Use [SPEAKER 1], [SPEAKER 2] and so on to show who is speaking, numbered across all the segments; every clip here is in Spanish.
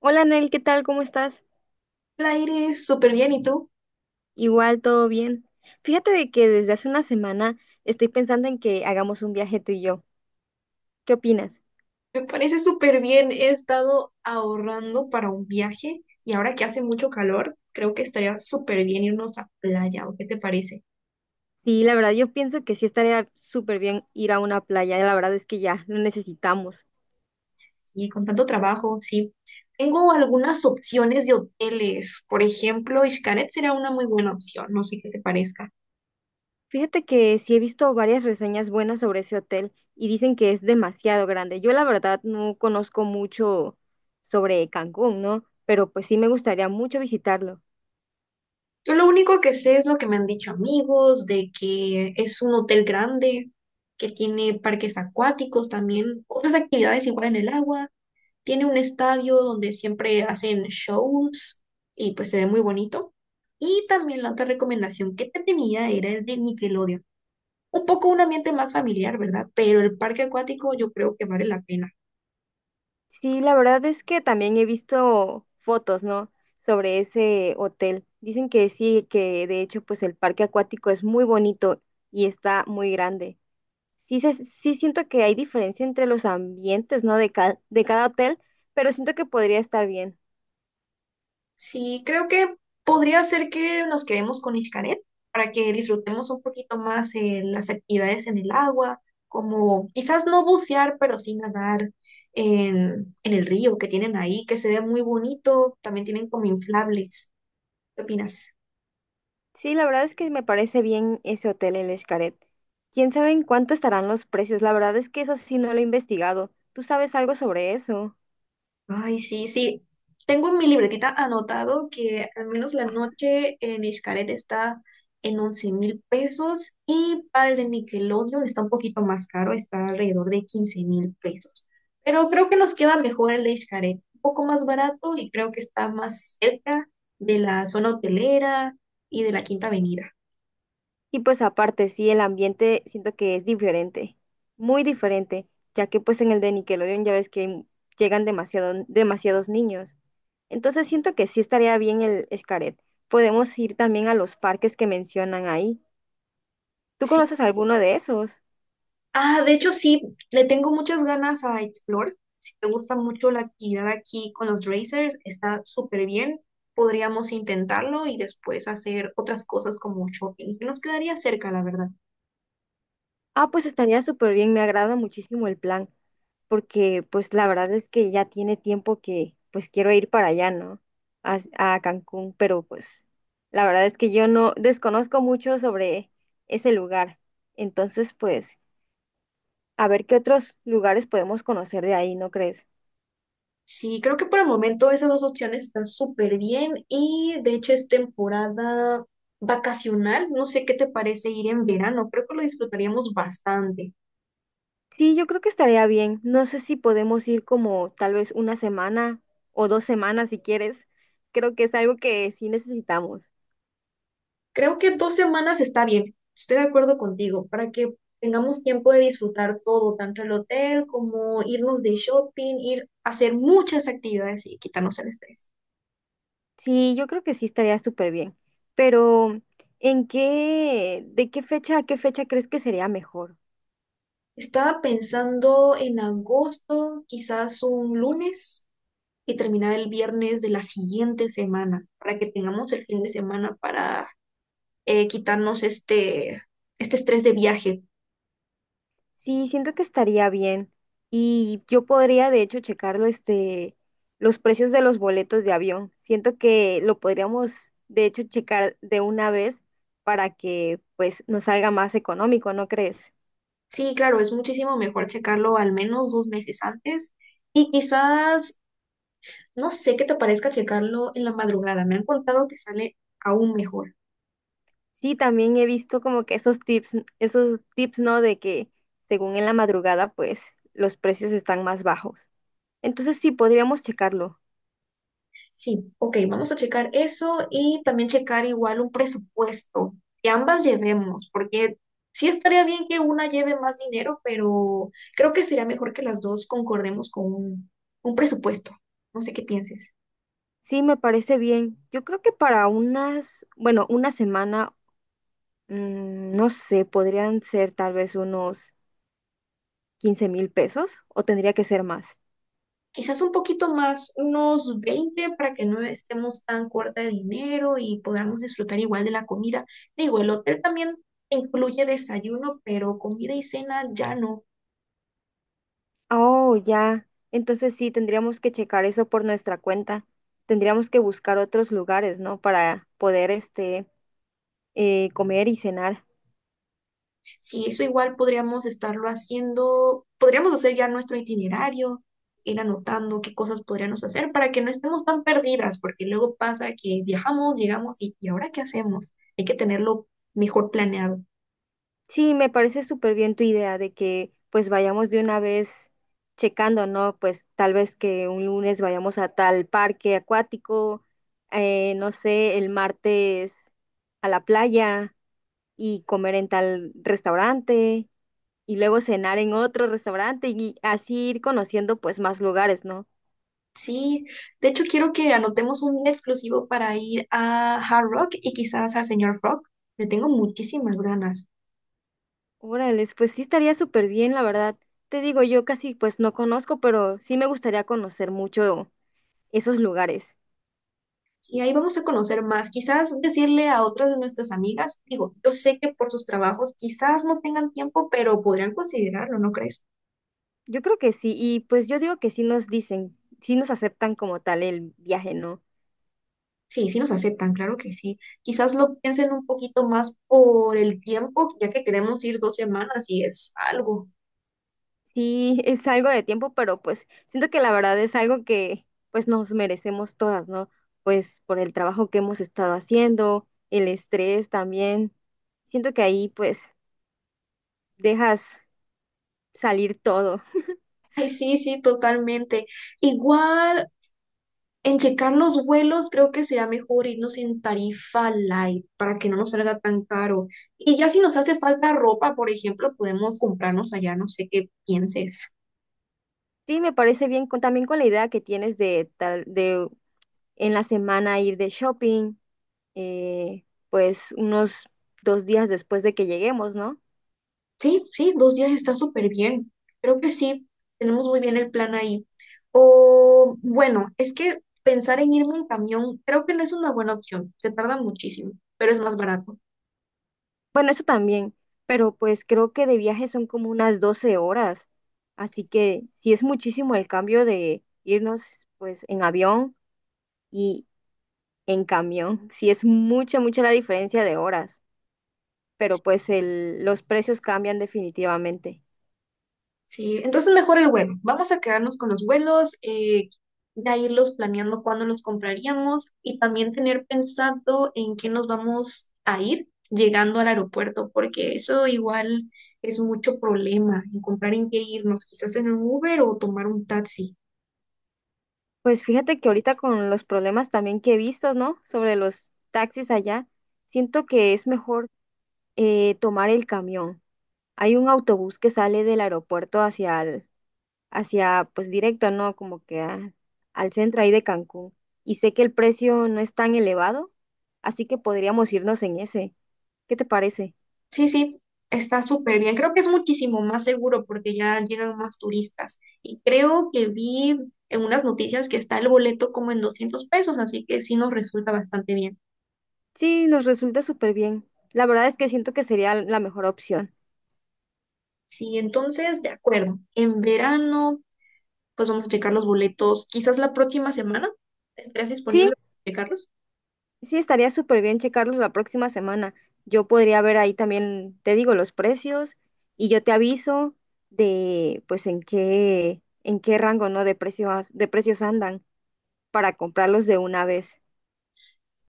[SPEAKER 1] Hola Nel, ¿qué tal? ¿Cómo estás?
[SPEAKER 2] La Iris, súper bien. ¿Y tú?
[SPEAKER 1] Igual, todo bien. Fíjate de que desde hace una semana estoy pensando en que hagamos un viaje tú y yo. ¿Qué opinas?
[SPEAKER 2] Me parece súper bien. He estado ahorrando para un viaje y ahora que hace mucho calor, creo que estaría súper bien irnos a playa. ¿O qué te parece?
[SPEAKER 1] Sí, la verdad yo pienso que sí estaría súper bien ir a una playa, la verdad es que ya lo necesitamos.
[SPEAKER 2] Sí, con tanto trabajo, sí. Tengo algunas opciones de hoteles. Por ejemplo, Xcaret sería una muy buena opción. No sé qué te parezca.
[SPEAKER 1] Fíjate que sí he visto varias reseñas buenas sobre ese hotel y dicen que es demasiado grande. Yo la verdad no conozco mucho sobre Cancún, ¿no? Pero pues sí me gustaría mucho visitarlo.
[SPEAKER 2] Yo lo único que sé es lo que me han dicho amigos, de que es un hotel grande, que tiene parques acuáticos también, otras actividades igual en el agua. Tiene un estadio donde siempre hacen shows y pues se ve muy bonito. Y también la otra recomendación que te tenía era el de Nickelodeon. Un poco un ambiente más familiar, ¿verdad? Pero el parque acuático yo creo que vale la pena.
[SPEAKER 1] Sí, la verdad es que también he visto fotos, ¿no? Sobre ese hotel. Dicen que sí, que de hecho, pues el parque acuático es muy bonito y está muy grande. Sí, sí siento que hay diferencia entre los ambientes, ¿no? De cada hotel, pero siento que podría estar bien.
[SPEAKER 2] Sí, creo que podría ser que nos quedemos con Xcaret para que disfrutemos un poquito más las actividades en el agua, como quizás no bucear, pero sí nadar en el río que tienen ahí, que se ve muy bonito. También tienen como inflables. ¿Qué opinas?
[SPEAKER 1] Sí, la verdad es que me parece bien ese hotel, el Xcaret. ¿Quién sabe en cuánto estarán los precios? La verdad es que eso sí no lo he investigado. ¿Tú sabes algo sobre eso?
[SPEAKER 2] Ay, sí, sí. Tengo en mi libretita anotado que al menos la noche en Xcaret está en 11.000 pesos y para el de Nickelodeon está un poquito más caro, está alrededor de 15.000 pesos. Pero creo que nos queda mejor el de Xcaret, un poco más barato y creo que está más cerca de la zona hotelera y de la Quinta Avenida.
[SPEAKER 1] Y pues aparte, sí, el ambiente siento que es diferente, muy diferente, ya que pues en el de Nickelodeon ya ves que llegan demasiados niños. Entonces siento que sí estaría bien el Xcaret. Podemos ir también a los parques que mencionan ahí. ¿Tú conoces alguno de esos?
[SPEAKER 2] Ah, de hecho sí, le tengo muchas ganas a Explore. Si te gusta mucho la actividad aquí con los racers, está súper bien. Podríamos intentarlo y después hacer otras cosas como shopping, que nos quedaría cerca, la verdad.
[SPEAKER 1] Ah, pues estaría súper bien, me agrada muchísimo el plan, porque pues la verdad es que ya tiene tiempo que pues quiero ir para allá, ¿no? A Cancún, pero pues la verdad es que yo no desconozco mucho sobre ese lugar. Entonces, pues, a ver qué otros lugares podemos conocer de ahí, ¿no crees?
[SPEAKER 2] Sí, creo que por el momento esas dos opciones están súper bien y de hecho es temporada vacacional. No sé qué te parece ir en verano, creo que lo disfrutaríamos bastante.
[SPEAKER 1] Sí, yo creo que estaría bien. No sé si podemos ir como tal vez una semana o 2 semanas si quieres. Creo que es algo que sí necesitamos.
[SPEAKER 2] Creo que 2 semanas está bien, estoy de acuerdo contigo, para que tengamos tiempo de disfrutar todo, tanto el hotel como irnos de shopping, ir a hacer muchas actividades y quitarnos el estrés.
[SPEAKER 1] Sí, yo creo que sí estaría súper bien. Pero, ¿en qué, de qué fecha a qué fecha crees que sería mejor?
[SPEAKER 2] Estaba pensando en agosto, quizás un lunes y terminar el viernes de la siguiente semana, para que tengamos el fin de semana para quitarnos este estrés de viaje.
[SPEAKER 1] Sí, siento que estaría bien. Y yo podría, de hecho, checarlo, este, los precios de los boletos de avión. Siento que lo podríamos, de hecho, checar de una vez para que, pues, nos salga más económico, ¿no crees?
[SPEAKER 2] Sí, claro, es muchísimo mejor checarlo al menos 2 meses antes. Y quizás, no sé qué te parezca checarlo en la madrugada. Me han contado que sale aún mejor.
[SPEAKER 1] Sí, también he visto como que esos tips, ¿no? De que según en la madrugada, pues, los precios están más bajos. Entonces sí, podríamos checarlo.
[SPEAKER 2] Sí, ok, vamos a checar eso y también checar igual un presupuesto que ambas llevemos, porque sí estaría bien que una lleve más dinero, pero creo que sería mejor que las dos concordemos con un presupuesto. No sé qué pienses.
[SPEAKER 1] Sí, me parece bien. Yo creo que para unas, bueno, una semana, no sé, podrían ser tal vez unos 15,000 pesos o tendría que ser más.
[SPEAKER 2] Quizás un poquito más, unos 20 para que no estemos tan corta de dinero y podamos disfrutar igual de la comida. Digo, el hotel también incluye desayuno, pero comida y cena ya no.
[SPEAKER 1] Oh, ya. Entonces sí, tendríamos que checar eso por nuestra cuenta. Tendríamos que buscar otros lugares, ¿no? Para poder, este, comer y cenar.
[SPEAKER 2] Si eso igual podríamos estarlo haciendo, podríamos hacer ya nuestro itinerario, ir anotando qué cosas podríamos hacer para que no estemos tan perdidas, porque luego pasa que viajamos, llegamos ¿Y ahora qué hacemos? Hay que tenerlo mejor planeado.
[SPEAKER 1] Sí, me parece súper bien tu idea de que pues vayamos de una vez checando, ¿no? Pues tal vez que un lunes vayamos a tal parque acuático, no sé, el martes a la playa y comer en tal restaurante y luego cenar en otro restaurante y así ir conociendo pues más lugares, ¿no?
[SPEAKER 2] Sí, de hecho quiero que anotemos un día exclusivo para ir a Hard Rock y quizás al señor Frog. Le tengo muchísimas ganas.
[SPEAKER 1] Órale, pues sí estaría súper bien, la verdad. Te digo, yo casi pues no conozco, pero sí me gustaría conocer mucho esos lugares.
[SPEAKER 2] Y ahí vamos a conocer más. Quizás decirle a otras de nuestras amigas, digo, yo sé que por sus trabajos quizás no tengan tiempo, pero podrían considerarlo, ¿no crees?
[SPEAKER 1] Yo creo que sí, y pues yo digo que sí nos dicen, sí nos aceptan como tal el viaje, ¿no?
[SPEAKER 2] Sí, sí nos aceptan, claro que sí. Quizás lo piensen un poquito más por el tiempo, ya que queremos ir 2 semanas y es algo.
[SPEAKER 1] Sí, es algo de tiempo, pero pues siento que la verdad es algo que pues nos merecemos todas, ¿no? Pues por el trabajo que hemos estado haciendo, el estrés también. Siento que ahí pues dejas salir todo.
[SPEAKER 2] Ay, sí, sí, totalmente. Igual. En checar los vuelos, creo que sería mejor irnos en tarifa light para que no nos salga tan caro. Y ya si nos hace falta ropa, por ejemplo, podemos comprarnos allá, no sé qué pienses.
[SPEAKER 1] Sí, me parece bien con, también con la idea que tienes de tal, de en la semana ir de shopping, eh, pues unos 2 días después de que lleguemos, ¿no?
[SPEAKER 2] Sí, sí, 2 días está súper bien. Creo que sí, tenemos muy bien el plan ahí. O bueno, es que pensar en irme en camión creo que no es una buena opción, se tarda muchísimo, pero es más barato.
[SPEAKER 1] Bueno, eso también, pero pues creo que de viaje son como unas 12 horas, así que sí es muchísimo el cambio de irnos pues en avión y en camión, sí es mucha, mucha la diferencia de horas, pero pues el, los precios cambian definitivamente.
[SPEAKER 2] Sí, entonces mejor el vuelo. Vamos a quedarnos con los vuelos, ya irlos planeando cuándo los compraríamos y también tener pensado en qué nos vamos a ir llegando al aeropuerto, porque eso igual es mucho problema, encontrar en qué irnos, quizás en un Uber o tomar un taxi.
[SPEAKER 1] Pues fíjate que ahorita con los problemas también que he visto, ¿no? Sobre los taxis allá, siento que es mejor tomar el camión. Hay un autobús que sale del aeropuerto hacia, pues directo, ¿no? Como que al centro ahí de Cancún. Y sé que el precio no es tan elevado, así que podríamos irnos en ese. ¿Qué te parece?
[SPEAKER 2] Sí, sí, está súper bien. Creo que es muchísimo más seguro porque ya llegan más turistas y creo que vi en unas noticias que está el boleto como en 200 pesos, así que sí nos resulta bastante bien.
[SPEAKER 1] Sí, nos resulta súper bien. La verdad es que siento que sería la mejor opción.
[SPEAKER 2] Sí, entonces, de acuerdo. En verano, pues vamos a checar los boletos. Quizás la próxima semana estés
[SPEAKER 1] Sí,
[SPEAKER 2] disponible para checarlos.
[SPEAKER 1] sí, estaría súper bien checarlos la próxima semana. Yo podría ver ahí también, te digo, los precios y yo te aviso de, pues, en qué rango, ¿no? De precios andan para comprarlos de una vez.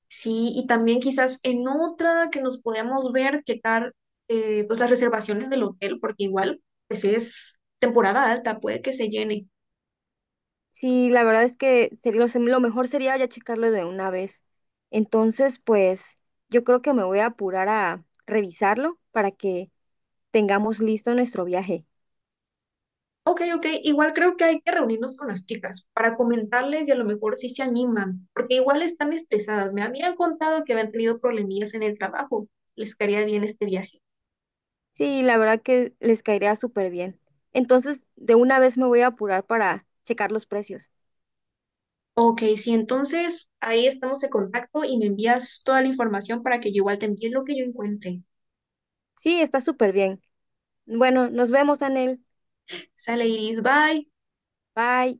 [SPEAKER 2] Sí, y también quizás en otra que nos podamos ver, checar pues las reservaciones del hotel, porque igual, pues es temporada alta, puede que se llene.
[SPEAKER 1] Sí, la verdad es que lo mejor sería ya checarlo de una vez. Entonces, pues yo creo que me voy a apurar a revisarlo para que tengamos listo nuestro viaje.
[SPEAKER 2] Ok, ok, igual creo que hay que reunirnos con las chicas para comentarles y a lo mejor si se animan, porque igual están estresadas. Me habían contado que habían tenido problemillas en el trabajo. Les caería bien este viaje.
[SPEAKER 1] Sí, la verdad que les caería súper bien. Entonces, de una vez me voy a apurar para checar los precios.
[SPEAKER 2] Ok, sí, entonces ahí estamos en contacto y me envías toda la información para que yo igual te envíe lo que yo encuentre.
[SPEAKER 1] Sí, está súper bien. Bueno, nos vemos, Anel.
[SPEAKER 2] Sale Iris, bye.
[SPEAKER 1] Bye.